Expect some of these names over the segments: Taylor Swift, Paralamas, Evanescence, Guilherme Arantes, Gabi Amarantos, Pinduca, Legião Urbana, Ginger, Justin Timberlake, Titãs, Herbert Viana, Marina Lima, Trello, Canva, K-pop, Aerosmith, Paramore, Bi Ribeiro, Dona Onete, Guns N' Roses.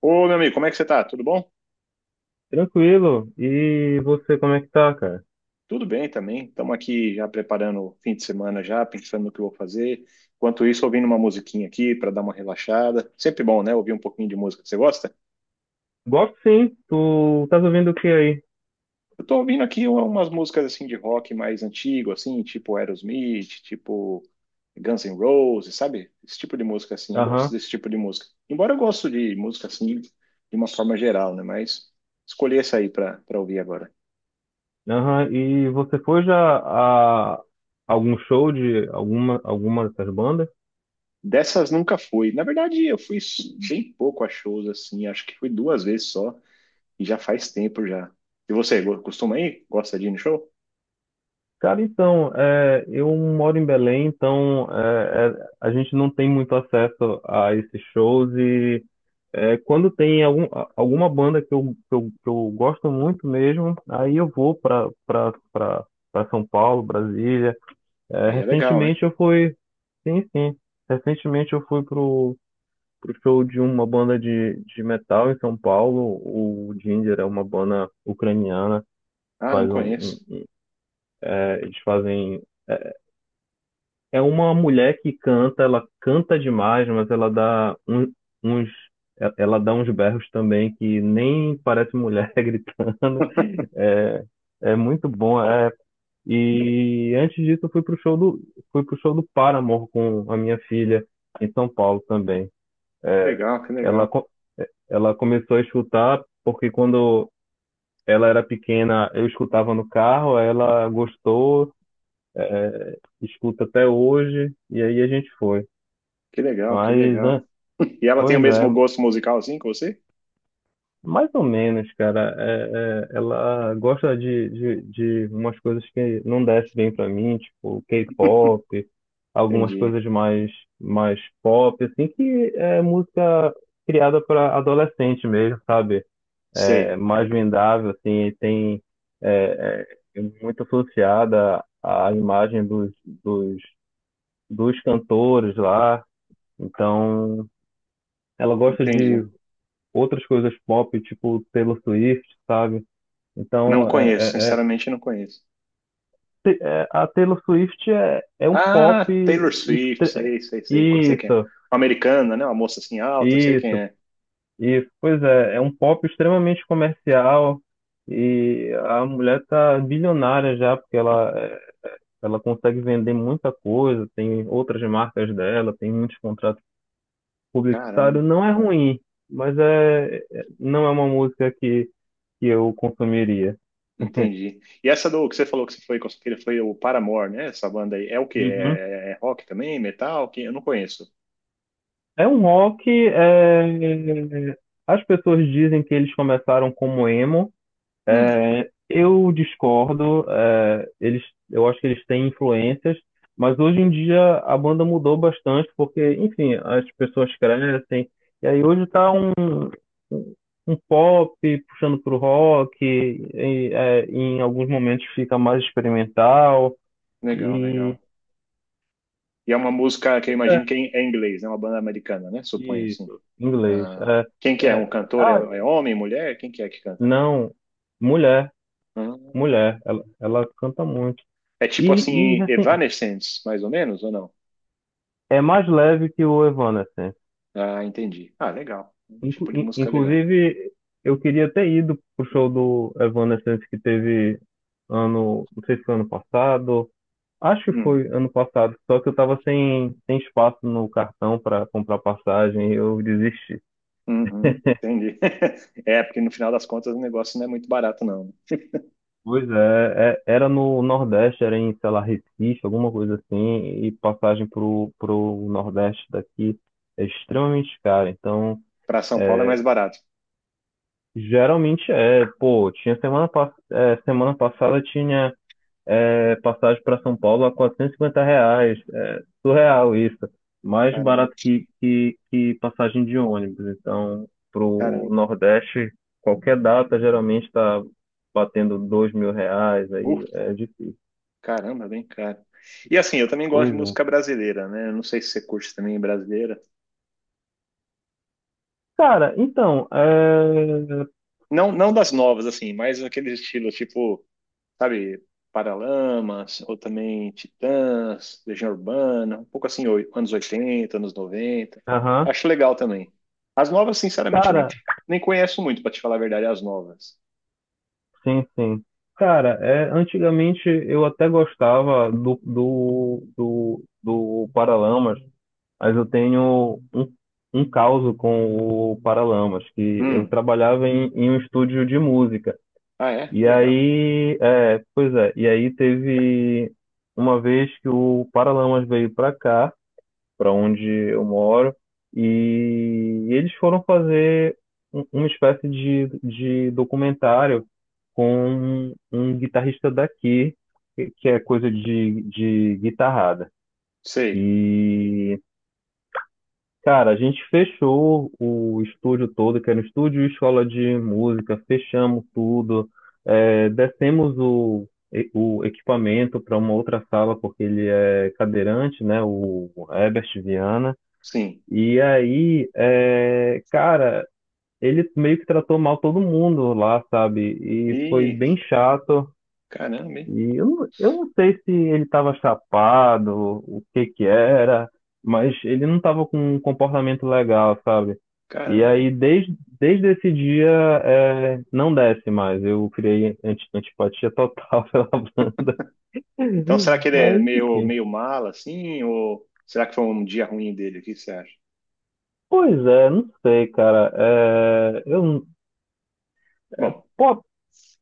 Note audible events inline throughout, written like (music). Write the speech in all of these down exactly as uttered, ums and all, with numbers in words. Ô, meu amigo, como é que você tá? Tudo bom? Tranquilo. E você, como é que tá, cara? Tudo bem também. Estamos aqui já preparando o fim de semana já, pensando no que eu vou fazer. Enquanto isso, ouvindo uma musiquinha aqui para dar uma relaxada. Sempre bom, né? Ouvir um pouquinho de música. Você gosta? Gosto sim. Tu estás ouvindo o que aí? Eu tô ouvindo aqui um, umas músicas assim de rock mais antigo, assim, tipo Aerosmith, tipo Guns N' Roses, sabe? Esse tipo de música assim. Eu gosto Aham, desse tipo de música. Embora eu gosto de música assim de uma forma geral, né? Mas escolhi essa aí para para ouvir agora. aham. E você foi já a algum show de alguma, alguma dessas bandas? Dessas nunca fui. Na verdade, eu fui bem pouco a shows, assim. Acho que fui duas vezes só. E já faz tempo já. E você, go- costuma ir? Gosta de ir no show? Cara, então, é, eu moro em Belém, então é, é, a gente não tem muito acesso a esses shows e é, quando tem algum, a- alguma banda que eu, que eu, que eu gosto muito mesmo, aí eu vou para para São Paulo, Brasília. É, Aí é legal, né? recentemente eu fui. Sim, sim. Recentemente eu fui pro, pro show de uma banda de, de metal em São Paulo. O Ginger é uma banda ucraniana. Ah, não Faz um, conheço. um- é, Eles fazem. É uma mulher que canta, ela canta demais, mas ela dá um- uns. E- Ela dá uns berros também que nem parece mulher (laughs) gritando. (laughs) É, é muito bom. é, E antes disso, eu fui pro show do, fui pro show do Paramore com a minha filha em São Paulo também. Que legal, que Ela, legal. co- Ela começou a escutar porque quando ela era pequena, eu escutava no carro, aí ela gostou, escuta até hoje, e aí a gente foi. Que legal, que Mas, legal. né, (laughs) E ela tem o pois é, mesmo gosto musical assim que você? mais ou menos, cara. É- é- ela gosta de, de, de umas coisas que não desce bem pra mim, tipo K-pop, algumas Entendi. coisas mais, mais pop, assim, que é música criada para adolescente mesmo, sabe? É Sei. mais vendável, assim, e tem é, é, muito associada à imagem dos, dos, dos cantores lá. Então, ela gosta Entendi. de outras coisas pop, tipo Taylor Swift, sabe? Não Então, é, conheço, é- é- sinceramente não conheço. te- é- a Taylor Swift é, é um pop. Ah, Taylor Swift, estre- sei, sei, sei, sei quem é. Isso, Uma americana, né? Uma moça assim alta, sei quem isso, é. isso. Pois é, é um pop extremamente comercial e a mulher tá bilionária já, porque ela, é, ela consegue vender muita coisa, tem outras marcas dela, tem muitos contratos Caramba. publicitários. Não é ruim, mas é, é- não é uma música que, que eu consumiria. Entendi. E essa do que você falou que você foi com sua filha foi o Paramore, né? Essa banda aí. É o quê? Uhum. É, é rock também? Metal? Que eu não conheço. É um rock. é, As pessoas dizem que eles começaram como emo. Hum, é, Eu discordo. é, Eles, eu acho que eles têm influências, mas hoje em dia a banda mudou bastante porque, enfim, as pessoas crescem. E aí hoje está um, um pop puxando pro rock. E, é, em alguns momentos fica mais experimental legal, e, legal. E é uma música que eu é, imagino que é em inglês, né? Uma banda americana, né? Suponho e assim. inglês. Ah, quem é, que é? Um é, cantor? É, ah, é homem, mulher? Quem que é que canta? não, mulher. Ah, Mulher, ela, ela canta muito. é tipo E, e assim, assim, Evanescence, mais ou menos, ou não? é mais leve que o Evanescence. Ah, entendi. Ah, legal. Um Inclu- tipo de in- música legal. Inclusive, eu queria ter ido pro show do Evanescence que teve ano, não sei se foi ano passado, acho que Hum, foi ano passado, só que eu tava sem, sem espaço no cartão para comprar passagem e eu desisti. uhum, entendi. (laughs) É, porque no final das contas o negócio não é muito barato, não. Pois é, é- era no Nordeste, era em, sei lá, Recife, alguma coisa assim, e passagem pro, pro Nordeste daqui é extremamente cara, então Para São Paulo é é, mais barato. geralmente é, pô, tinha semana, pass- é, semana passada tinha é, passagem para São Paulo a quatrocentos e cinquenta reais, é, surreal isso, mais Caramba, barato que, que, que passagem de ônibus, então pro caramba. Nordeste qualquer data geralmente está batendo dois mil reais, Uf, aí é difícil. caramba, bem caro. E assim, eu também gosto Pois de é. música brasileira, né? Eu não sei se você curte também brasileira. Cara, então, é... Não, não das novas, assim, mas aqueles estilos tipo, sabe, Paralamas, ou também Titãs, Legião Urbana, um pouco assim, oi- anos oitenta anos noventa. Aham. Acho legal também. As novas, sinceramente, nem, Cara, nem conheço muito, pra te falar a verdade, as novas. sim, sim. Cara, é, antigamente eu até gostava do, do, do, do Paralamas, mas eu tenho um, um caso com o Paralamas, que eu Hum, trabalhava em, em um estúdio de música. ah, é? E Que legal. aí, é, pois é, e aí teve uma vez que o Paralamas veio pra cá, para onde eu moro, e eles foram fazer um- uma espécie de, de documentário com um guitarrista daqui, que que é coisa de, de guitarrada. Sei, E, cara, a gente fechou o estúdio todo, que era um estúdio e escola de música, fechamos tudo, é, descemos o, e- o equipamento para uma outra sala, porque ele é cadeirante, né, o Herbert Viana. sim. E aí, é, cara, ele meio que tratou mal todo mundo lá, sabe? E foi Ih, bem chato. caramba, hein? E eu, não- eu não sei se ele estava chapado, o que que era, mas ele não estava com um comportamento legal, sabe? E Caramba, aí, hein? desde, desde esse dia, é, não desce mais. Eu criei anti, antipatia total (laughs) pela banda. Então, será que ele é Mas, meio, enfim. meio mala, assim? Ou será que foi um dia ruim dele? O que você acha? Pois é, não sei, cara. É, Bom, eu,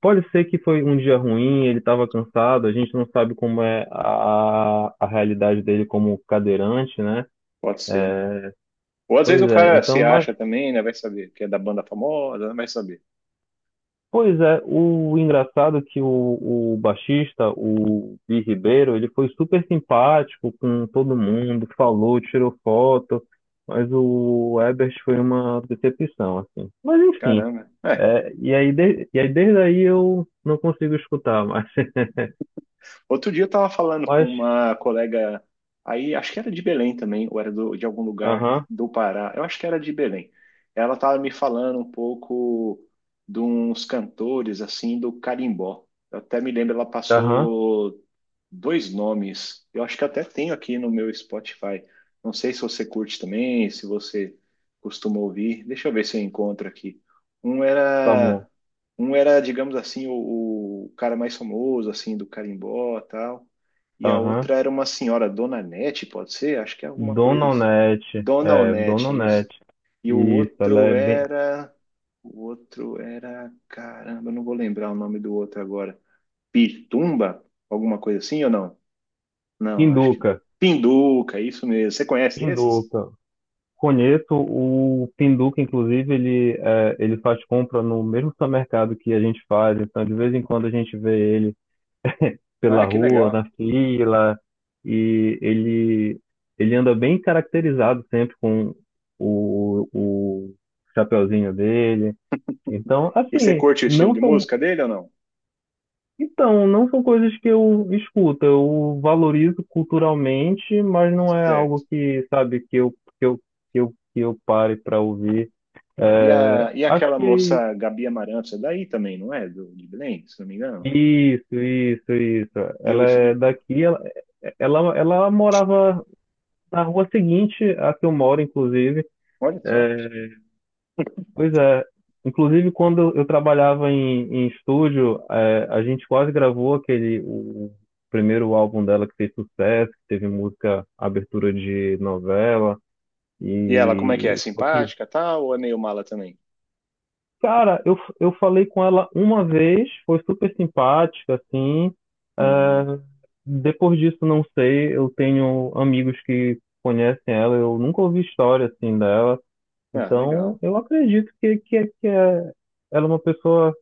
pode ser que foi um dia ruim, ele estava cansado, a gente não sabe como é a, a realidade dele como cadeirante, né? pode ser, né? Ou às vezes Pois o é, cara então, se mas, acha também, né? Vai saber, que é da banda famosa, né? Vai saber. pois é, o engraçado é que o, o baixista, o Bi Ribeiro, ele foi super simpático com todo mundo, falou, tirou foto, mas o Ebert foi uma decepção, assim. Mas enfim, Caramba. É, é, e aí, de- e aí desde aí eu não consigo escutar mais. (laughs) outro dia eu tava falando com Mas, uma colega aí, acho que era de Belém também, ou era do- de algum lugar aham, do Pará. Eu acho que era de Belém. Ela tava me falando um pouco de uns cantores assim do carimbó. Eu até me lembro, ela aham, passou dois nomes. Eu acho que até tenho aqui no meu Spotify. Não sei se você curte também, se você costuma ouvir. Deixa eu ver se eu encontro aqui. Um tá era bom, um era, digamos assim, o, o cara mais famoso, assim, do carimbó e tal. E a aham. outra era uma senhora, Dona Nete, pode ser? Acho que é alguma Dona coisa assim. Onete, Dona é, Dona Onete, isso. Onete, E o isso, ela outro é bem. era. O outro era. Caramba, eu não vou lembrar o nome do outro agora. Pitumba? Alguma coisa assim ou não? Não, acho que. Pinduca, Pinduca, isso mesmo. Você conhece esses? Pinduca. Conheço o Pinduca, inclusive, ele, é, ele faz compra no mesmo supermercado que a gente faz, então de vez em quando a gente vê ele pela Ah, que rua, legal. na fila, e ele, ele anda bem caracterizado sempre com o, o chapeuzinho dele. Então, E você assim, curte o estilo não de são... música dele ou não? Então, não são coisas que eu escuto, eu valorizo culturalmente, mas não é Certo. algo que, sabe, que eu, que eu, que eu, que eu pare para ouvir. E, É, a, e acho aquela que moça Gabi Amarantos, é daí também, não é? Do, de Belém, se não me engano. isso, isso, isso. E eu, Ela é e- daqui, ela, ela, ela morava na rua seguinte à que eu moro, inclusive. olha só. É, pois é. Inclusive, quando eu trabalhava em, em estúdio, é, a gente quase gravou aquele, o primeiro álbum dela que fez sucesso, que teve música, abertura de novela. E ela, como é que é? E só que, Simpática, tal? Ou é meio mala também? cara, eu, eu falei com ela uma vez, foi super simpática, assim. Hum, É, depois disso, não sei. Eu tenho amigos que conhecem ela, eu nunca ouvi história assim dela. ah, legal. Então, eu acredito que, que, é, que é- ela é uma pessoa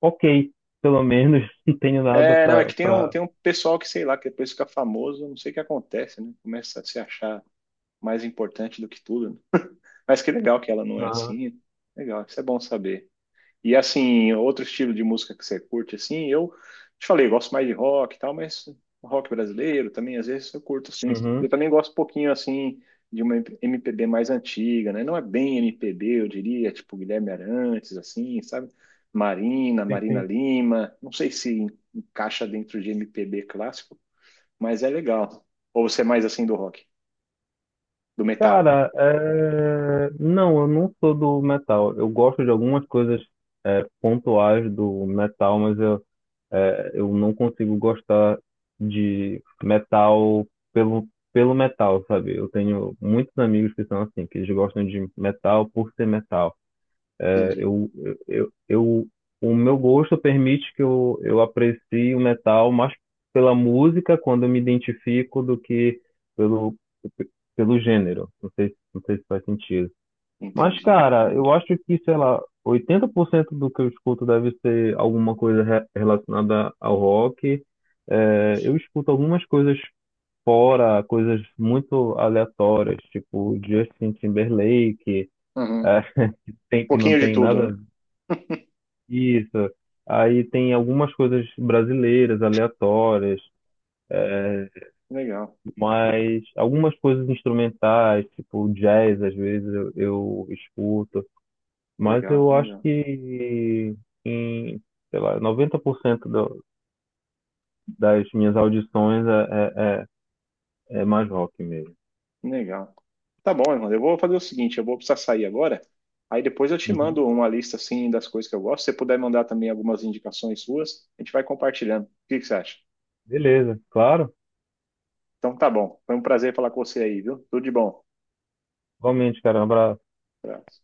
ok, pelo menos (laughs) não tenho nada É, não, é pra, que tem um, pra... tem um pessoal que, sei lá, que depois fica famoso, não sei o que acontece, né? Começa a se achar mais importante do que tudo, né? Mas que legal que ela não é Ah, assim. Legal, isso é bom saber. E assim, outro estilo de música que você curte, assim, eu te falei, gosto mais de rock e tal, mas rock brasileiro também, às vezes eu curto, assim. Eu uhum, também gosto um pouquinho, assim, de uma M P B mais antiga, né? Não é bem M P B, eu diria, tipo Guilherme Arantes, assim, sabe? Marina, sim, Marina sim. Lima, não sei se encaixa dentro de M P B clássico, mas é legal. Ou você é mais assim do rock, do metal? Cara, é... não, eu não sou do metal. Eu gosto de algumas coisas é, pontuais do metal, mas eu, é, eu não consigo gostar de metal pelo, pelo metal, sabe? Eu tenho muitos amigos que são assim, que eles gostam de metal por ser metal. É, Entendi, eu, eu, eu, o meu gosto permite que eu, eu aprecie o metal mais pela música quando eu me identifico do que pelo, pelo gênero. Não sei, não sei se faz sentido. Mas, entendi. cara, entendi. eu acho que, sei lá, oitenta por cento do que eu escuto deve ser alguma coisa re- relacionada ao rock. É, eu escuto algumas coisas fora, coisas muito aleatórias, tipo Justin Timberlake, Uhum. Um é, (laughs) que tem, que não pouquinho de tem tudo, nada né? isso. Aí tem algumas coisas brasileiras, aleatórias, Legal, mas algumas coisas instrumentais, tipo jazz, às vezes eu, eu escuto. Mas legal, eu acho legal. que em, sei lá, noventa por cento do, das minhas audições é, é, é é mais rock mesmo. Legal. Tá bom, irmão. Eu vou fazer o seguinte, eu vou precisar sair agora. Aí depois eu te Uhum. mando uma lista assim das coisas que eu gosto. Se você puder mandar também algumas indicações suas, a gente vai compartilhando. O que que você acha? Beleza, claro. Então tá bom. Foi um prazer falar com você aí, viu? Tudo de bom. Igualmente, cara. Um abraço. Abraço.